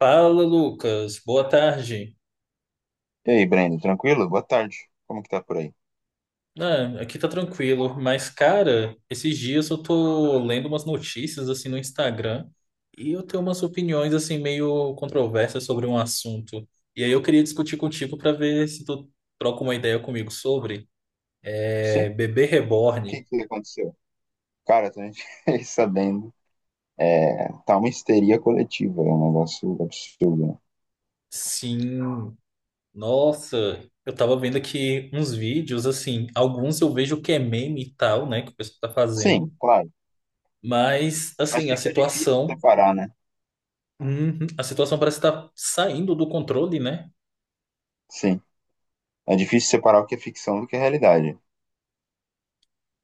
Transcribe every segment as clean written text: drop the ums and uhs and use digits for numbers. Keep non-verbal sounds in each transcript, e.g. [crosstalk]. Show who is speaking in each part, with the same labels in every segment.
Speaker 1: Fala, Lucas. Boa tarde.
Speaker 2: E aí, Breno, tranquilo? Boa tarde. Como que tá por aí?
Speaker 1: Ah, aqui tá tranquilo, mas cara, esses dias eu tô lendo umas notícias assim no Instagram e eu tenho umas opiniões assim meio controversas sobre um assunto. E aí eu queria discutir contigo pra ver se tu troca uma ideia comigo sobre
Speaker 2: Sim? O
Speaker 1: bebê
Speaker 2: que
Speaker 1: reborn.
Speaker 2: que aconteceu? Cara, tô [laughs] fiquei sabendo. É, tá uma histeria coletiva, é um negócio absurdo, né?
Speaker 1: Sim. Nossa, eu tava vendo aqui uns vídeos assim, alguns eu vejo que é meme e tal, né, que o pessoal tá fazendo.
Speaker 2: Sim, claro.
Speaker 1: Mas,
Speaker 2: Mas
Speaker 1: assim, a
Speaker 2: fica difícil
Speaker 1: situação...
Speaker 2: separar, né?
Speaker 1: Uhum. A situação parece estar saindo do controle, né?
Speaker 2: Sim. É difícil separar o que é ficção do que é realidade.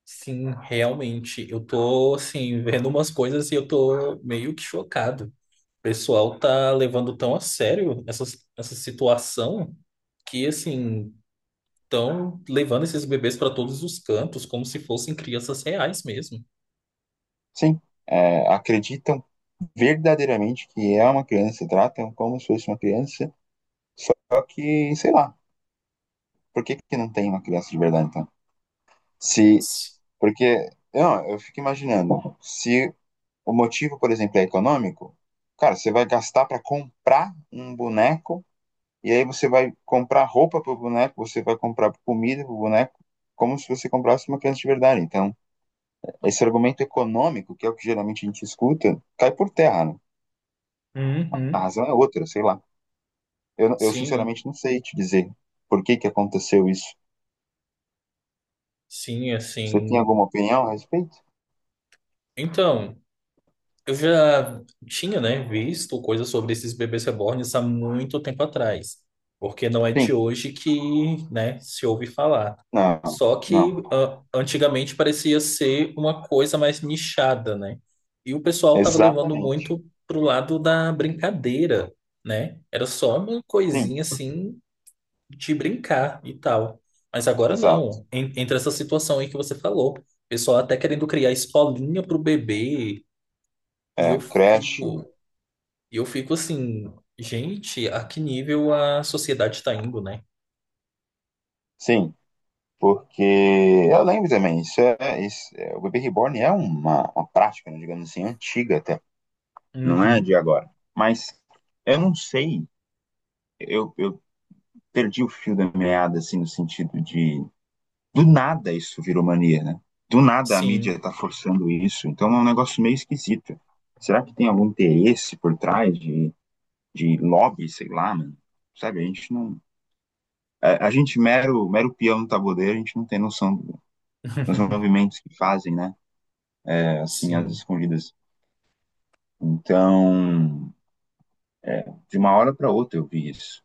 Speaker 1: Sim, realmente, eu tô assim, vendo umas coisas e eu tô meio que chocado. O pessoal tá levando tão a sério essa, essa situação que assim, estão levando esses bebês para todos os cantos, como se fossem crianças reais mesmo.
Speaker 2: Sim. É, acreditam verdadeiramente que é uma criança, tratam como se fosse uma criança, só que, sei lá, por que que não tem uma criança de verdade, então? Se, porque, não, eu fico imaginando. Se O motivo, por exemplo, é econômico. Cara, você vai gastar para comprar um boneco e aí você vai comprar roupa para o boneco, você vai comprar comida para o boneco, como se você comprasse uma criança de verdade. Então, esse argumento econômico, que é o que geralmente a gente escuta, cai por terra, né? A
Speaker 1: Uhum.
Speaker 2: razão é outra, sei lá. Eu
Speaker 1: Sim,
Speaker 2: sinceramente não sei te dizer por que, que aconteceu isso.
Speaker 1: sim,
Speaker 2: Você tem
Speaker 1: assim.
Speaker 2: alguma opinião a respeito?
Speaker 1: Então. Eu já tinha, né, visto coisas sobre esses bebês reborns há muito tempo atrás, porque não é de
Speaker 2: Sim.
Speaker 1: hoje que, né, se ouve falar.
Speaker 2: Não,
Speaker 1: Só que
Speaker 2: não.
Speaker 1: ah, antigamente parecia ser uma coisa mais nichada, né? E o pessoal estava levando
Speaker 2: Exatamente.
Speaker 1: muito pro lado da brincadeira, né? Era só uma
Speaker 2: Sim,
Speaker 1: coisinha assim de brincar e tal. Mas agora
Speaker 2: exato.
Speaker 1: não. Entra essa situação aí que você falou. O pessoal até querendo criar escolinha pro bebê e
Speaker 2: É, creche,
Speaker 1: eu fico assim, gente, a que nível a sociedade está indo, né?
Speaker 2: sim. Porque eu lembro também, o bebê reborn é uma prática, né, digamos assim, antiga até, não é de
Speaker 1: Uhum,
Speaker 2: agora. Mas eu não sei, eu perdi o fio da meada, assim, no sentido de do nada isso virou mania, né? Do nada a mídia
Speaker 1: sim.
Speaker 2: tá forçando isso, então é um negócio meio esquisito. Será que tem algum interesse por trás de lobby, sei lá, mano? Sabe, a gente não. A gente, mero, mero peão no tabuleiro, a gente não tem noção dos
Speaker 1: [laughs]
Speaker 2: movimentos que fazem, né? Assim, às
Speaker 1: Sim.
Speaker 2: escondidas. Então, de uma hora para outra eu vi isso,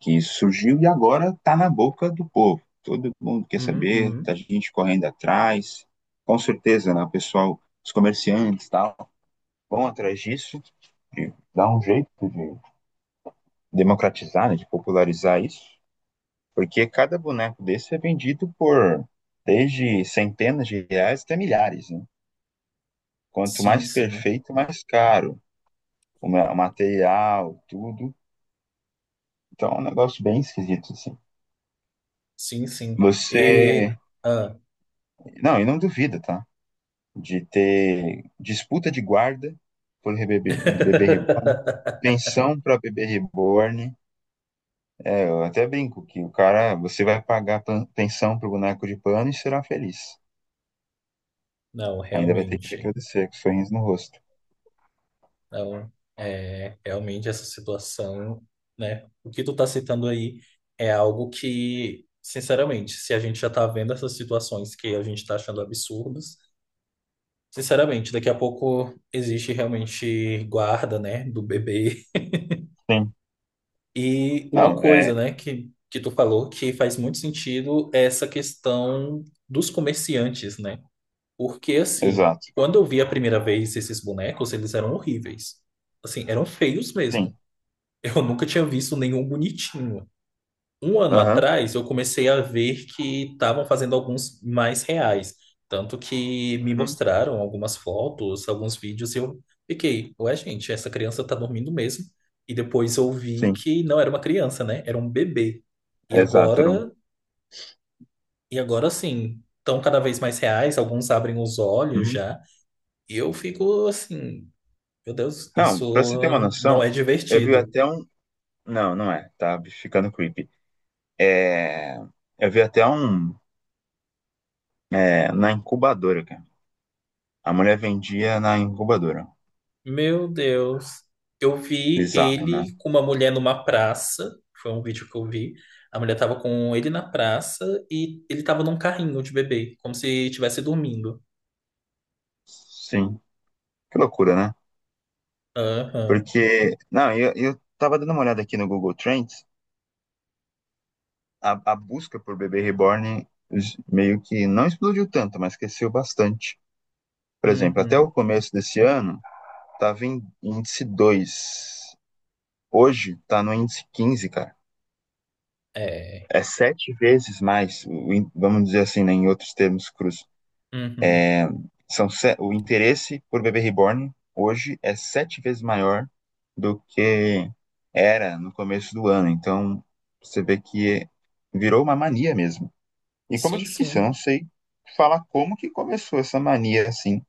Speaker 2: que isso surgiu e agora está na boca do povo. Todo mundo quer saber, tá
Speaker 1: Uhum.
Speaker 2: gente correndo atrás. Com certeza, né, o pessoal, os comerciantes, tal, vão atrás disso, de dar um jeito de democratizar, né, de popularizar isso, porque cada boneco desse é vendido por desde centenas de reais até milhares. Né? Quanto
Speaker 1: Sim,
Speaker 2: mais
Speaker 1: sim.
Speaker 2: perfeito, mais caro o material, tudo. Então é um negócio bem esquisito, assim.
Speaker 1: Sim, sim.
Speaker 2: Você.
Speaker 1: E... Ah.
Speaker 2: Não, e não duvida, tá? De ter disputa de guarda por bebê, bebê reborn,
Speaker 1: [laughs]
Speaker 2: pensão pra bebê reborn. É, eu até brinco que o cara, você vai pagar pensão pro boneco de pano e será feliz.
Speaker 1: Não,
Speaker 2: Ainda vai ter que
Speaker 1: realmente.
Speaker 2: agradecer com sorriso no rosto.
Speaker 1: Não, é, realmente essa situação, né? O que tu tá citando aí é algo que, sinceramente, se a gente já tá vendo essas situações que a gente tá achando absurdas, sinceramente, daqui a pouco existe realmente guarda, né, do bebê.
Speaker 2: Sim.
Speaker 1: E uma
Speaker 2: Não, é.
Speaker 1: coisa, né, que tu falou que faz muito sentido é essa questão dos comerciantes, né? Porque, assim,
Speaker 2: Exato.
Speaker 1: quando eu vi a primeira vez esses bonecos, eles eram horríveis. Assim, eram feios mesmo.
Speaker 2: Sim.
Speaker 1: Eu nunca tinha visto nenhum bonitinho. Um ano
Speaker 2: Aham.
Speaker 1: atrás, eu comecei a ver que estavam fazendo alguns mais reais. Tanto que me
Speaker 2: Hum.
Speaker 1: mostraram algumas fotos, alguns vídeos, e eu fiquei, ué, gente, essa criança tá dormindo mesmo. E depois eu vi
Speaker 2: Sim.
Speaker 1: que não era uma criança, né? Era um bebê. E
Speaker 2: Exato. Era um.
Speaker 1: agora, e agora sim, estão cada vez mais reais, alguns abrem os olhos
Speaker 2: Uhum.
Speaker 1: já. E eu fico assim, meu Deus,
Speaker 2: Não, pra você ter uma
Speaker 1: isso não é
Speaker 2: noção, eu vi
Speaker 1: divertido.
Speaker 2: até um. Não, não é. Tá ficando creepy. É, eu vi até um é, na incubadora, cara. A mulher vendia na incubadora.
Speaker 1: Meu Deus. Eu vi
Speaker 2: Bizarro, né?
Speaker 1: ele com uma mulher numa praça. Foi um vídeo que eu vi. A mulher tava com ele na praça e ele tava num carrinho de bebê, como se estivesse dormindo.
Speaker 2: Sim. Que loucura, né?
Speaker 1: Aham.
Speaker 2: Porque, não, eu tava dando uma olhada aqui no Google Trends, a busca por bebê reborn meio que não explodiu tanto, mas cresceu bastante. Por exemplo, até o
Speaker 1: Uhum.
Speaker 2: começo desse ano, tava em índice 2. Hoje, tá no índice 15, cara.
Speaker 1: É.
Speaker 2: É sete vezes mais, vamos dizer assim, né, em outros termos crus.
Speaker 1: Uhum.
Speaker 2: São se- O interesse por bebê reborn hoje é sete vezes maior do que era no começo do ano. Então, você vê que virou uma mania mesmo. E como eu
Speaker 1: Sim,
Speaker 2: te disse, eu
Speaker 1: sim.
Speaker 2: não sei falar como que começou essa mania assim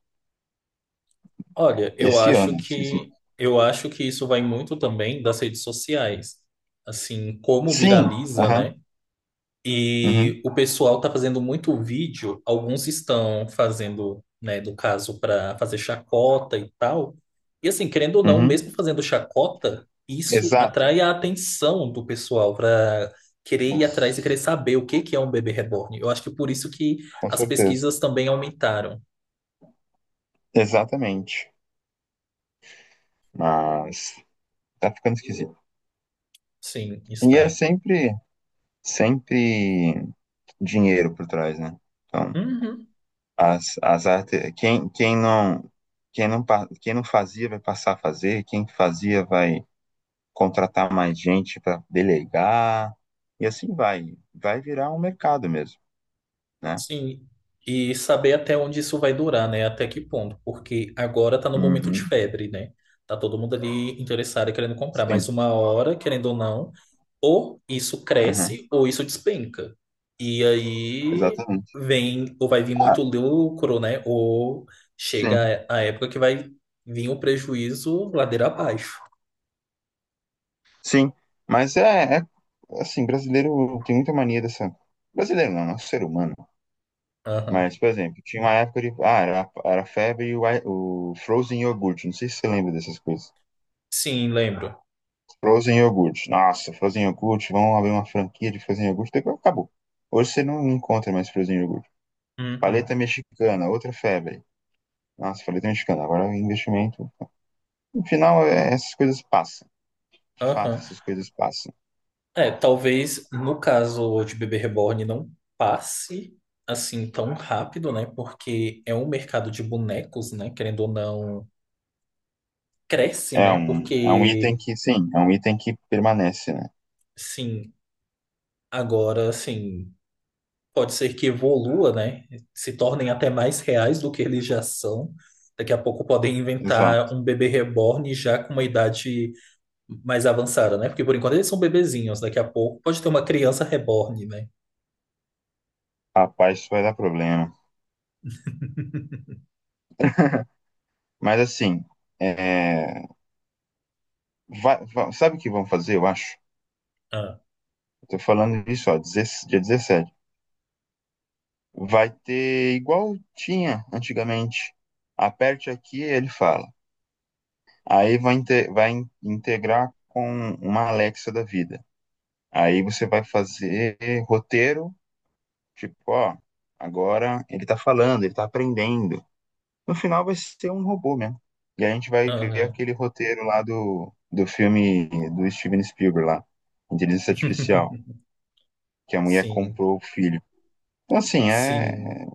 Speaker 1: Olha, eu
Speaker 2: esse
Speaker 1: acho
Speaker 2: ano. Esquisito.
Speaker 1: que eu acho que isso vai muito também das redes sociais. Assim, como
Speaker 2: Sim,
Speaker 1: viraliza,
Speaker 2: aham,
Speaker 1: né?
Speaker 2: uhum,
Speaker 1: E o pessoal está fazendo muito vídeo, alguns estão fazendo, né, no caso, para fazer chacota e tal. E assim, querendo ou não,
Speaker 2: uhum,
Speaker 1: mesmo fazendo chacota, isso
Speaker 2: exato,
Speaker 1: atrai a atenção do pessoal para querer
Speaker 2: com,
Speaker 1: ir atrás e querer saber o que que é um bebê reborn. Eu acho que por isso que
Speaker 2: com
Speaker 1: as
Speaker 2: certeza,
Speaker 1: pesquisas também aumentaram.
Speaker 2: exatamente. Mas tá ficando esquisito.
Speaker 1: Sim,
Speaker 2: E é
Speaker 1: está.
Speaker 2: sempre, sempre dinheiro por trás, né? Então,
Speaker 1: Uhum.
Speaker 2: as artes, quem, quem não fazia vai passar a fazer, quem fazia vai contratar mais gente para delegar, e assim vai. Vai virar um mercado mesmo, né?
Speaker 1: Sim, e saber até onde isso vai durar, né? Até que ponto, porque agora tá no momento de
Speaker 2: Uhum,
Speaker 1: febre, né? Tá todo mundo ali interessado e querendo comprar, mas
Speaker 2: sim,
Speaker 1: uma hora, querendo ou não, ou isso
Speaker 2: uhum,
Speaker 1: cresce ou isso despenca. E aí
Speaker 2: exatamente.
Speaker 1: vem, ou vai vir
Speaker 2: Ah,
Speaker 1: muito lucro, né? Ou
Speaker 2: sim,
Speaker 1: chega a época que vai vir o prejuízo ladeira abaixo.
Speaker 2: sim. Mas é, assim, brasileiro tem muita mania dessa. Brasileiro não, é um ser humano.
Speaker 1: Aham.
Speaker 2: Mas, por exemplo, tinha uma época de. Ah, era febre e o Frozen Yogurt. Não sei se você lembra dessas coisas.
Speaker 1: Sim, lembro.
Speaker 2: Frozen iogurte. Nossa, Frozen iogurte. Vamos abrir uma franquia de Frozen iogurte. Depois acabou. Hoje você não encontra mais Frozen iogurte.
Speaker 1: Uhum.
Speaker 2: Paleta mexicana, outra febre. Nossa, paleta mexicana. Agora o investimento. No final, essas coisas passam. De fato,
Speaker 1: Aham.
Speaker 2: essas coisas passam.
Speaker 1: É, talvez no caso de bebê reborn não passe assim tão rápido, né? Porque é um mercado de bonecos, né? Querendo ou não, cresce, né?
Speaker 2: É um
Speaker 1: Porque,
Speaker 2: item que, sim, é um item que permanece, né?
Speaker 1: sim, agora, assim, pode ser que evolua, né? Se tornem até mais reais do que eles já são. Daqui a pouco podem inventar
Speaker 2: Exato.
Speaker 1: um bebê reborn já com uma idade mais avançada, né? Porque por enquanto eles são bebezinhos. Daqui a pouco pode ter uma criança reborn, né?
Speaker 2: Rapaz, isso vai dar problema. Mas assim, é, sabe o que vão fazer, eu acho?
Speaker 1: Ah,
Speaker 2: Eu tô falando disso, ó, 16 dia 17. Vai ter igual tinha antigamente. Aperte aqui, ele fala. Aí vai integrar com uma Alexa da vida. Aí você vai fazer roteiro, tipo, ó, agora ele tá falando, ele tá aprendendo. No final vai ser um robô mesmo. E a gente vai ver
Speaker 1: aham.
Speaker 2: aquele roteiro lá do filme do Steven Spielberg lá, Inteligência Artificial,
Speaker 1: [laughs]
Speaker 2: que a mulher
Speaker 1: Sim.
Speaker 2: comprou o filho. Então, assim,
Speaker 1: Sim,
Speaker 2: é.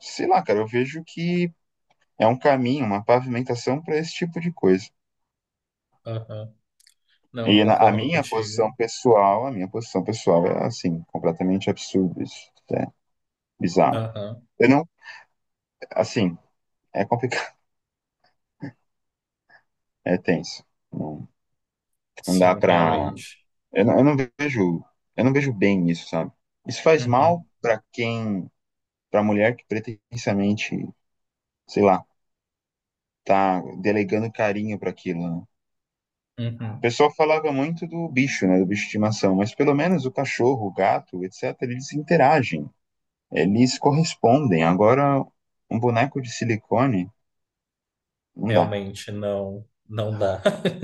Speaker 2: Sei lá, cara, eu vejo que é um caminho, uma pavimentação para esse tipo de coisa.
Speaker 1: aham. Não,
Speaker 2: E a
Speaker 1: concordo
Speaker 2: minha
Speaker 1: contigo.
Speaker 2: posição pessoal, a minha posição pessoal é assim, completamente absurdo isso, é bizarro.
Speaker 1: Aham.
Speaker 2: Eu não, assim, é complicado, [laughs] é tenso. Não, não dá
Speaker 1: Sim,
Speaker 2: pra.
Speaker 1: realmente.
Speaker 2: Eu não, eu não vejo, eu não vejo bem isso, sabe? Isso faz mal
Speaker 1: Uhum,
Speaker 2: pra quem, pra mulher que pretensamente, sei lá, tá delegando carinho pra aquilo, né? O
Speaker 1: uhum.
Speaker 2: pessoal falava muito do bicho, né, do bicho de estimação, mas pelo menos o cachorro, o gato, etc, eles interagem. Eles correspondem. Agora, um boneco de silicone, não dá.
Speaker 1: Realmente, não, não dá. [laughs]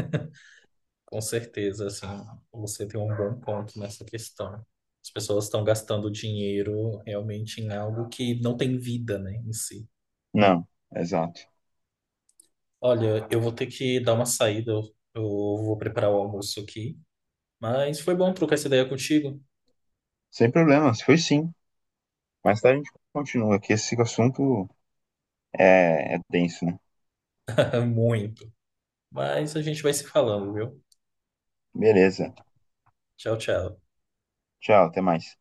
Speaker 1: Com certeza, assim, você tem um bom ponto nessa questão. As pessoas estão gastando dinheiro realmente em algo que não tem vida, né, em si.
Speaker 2: Não, exato.
Speaker 1: Olha, eu vou ter que dar uma saída, eu vou preparar o almoço aqui. Mas foi bom trocar essa ideia contigo.
Speaker 2: Sem problemas, foi sim. Mais tarde a gente continua, que esse assunto é, é denso, né?
Speaker 1: [laughs] Muito. Mas a gente vai se falando, viu?
Speaker 2: Beleza.
Speaker 1: Tchau, tchau.
Speaker 2: Tchau, até mais.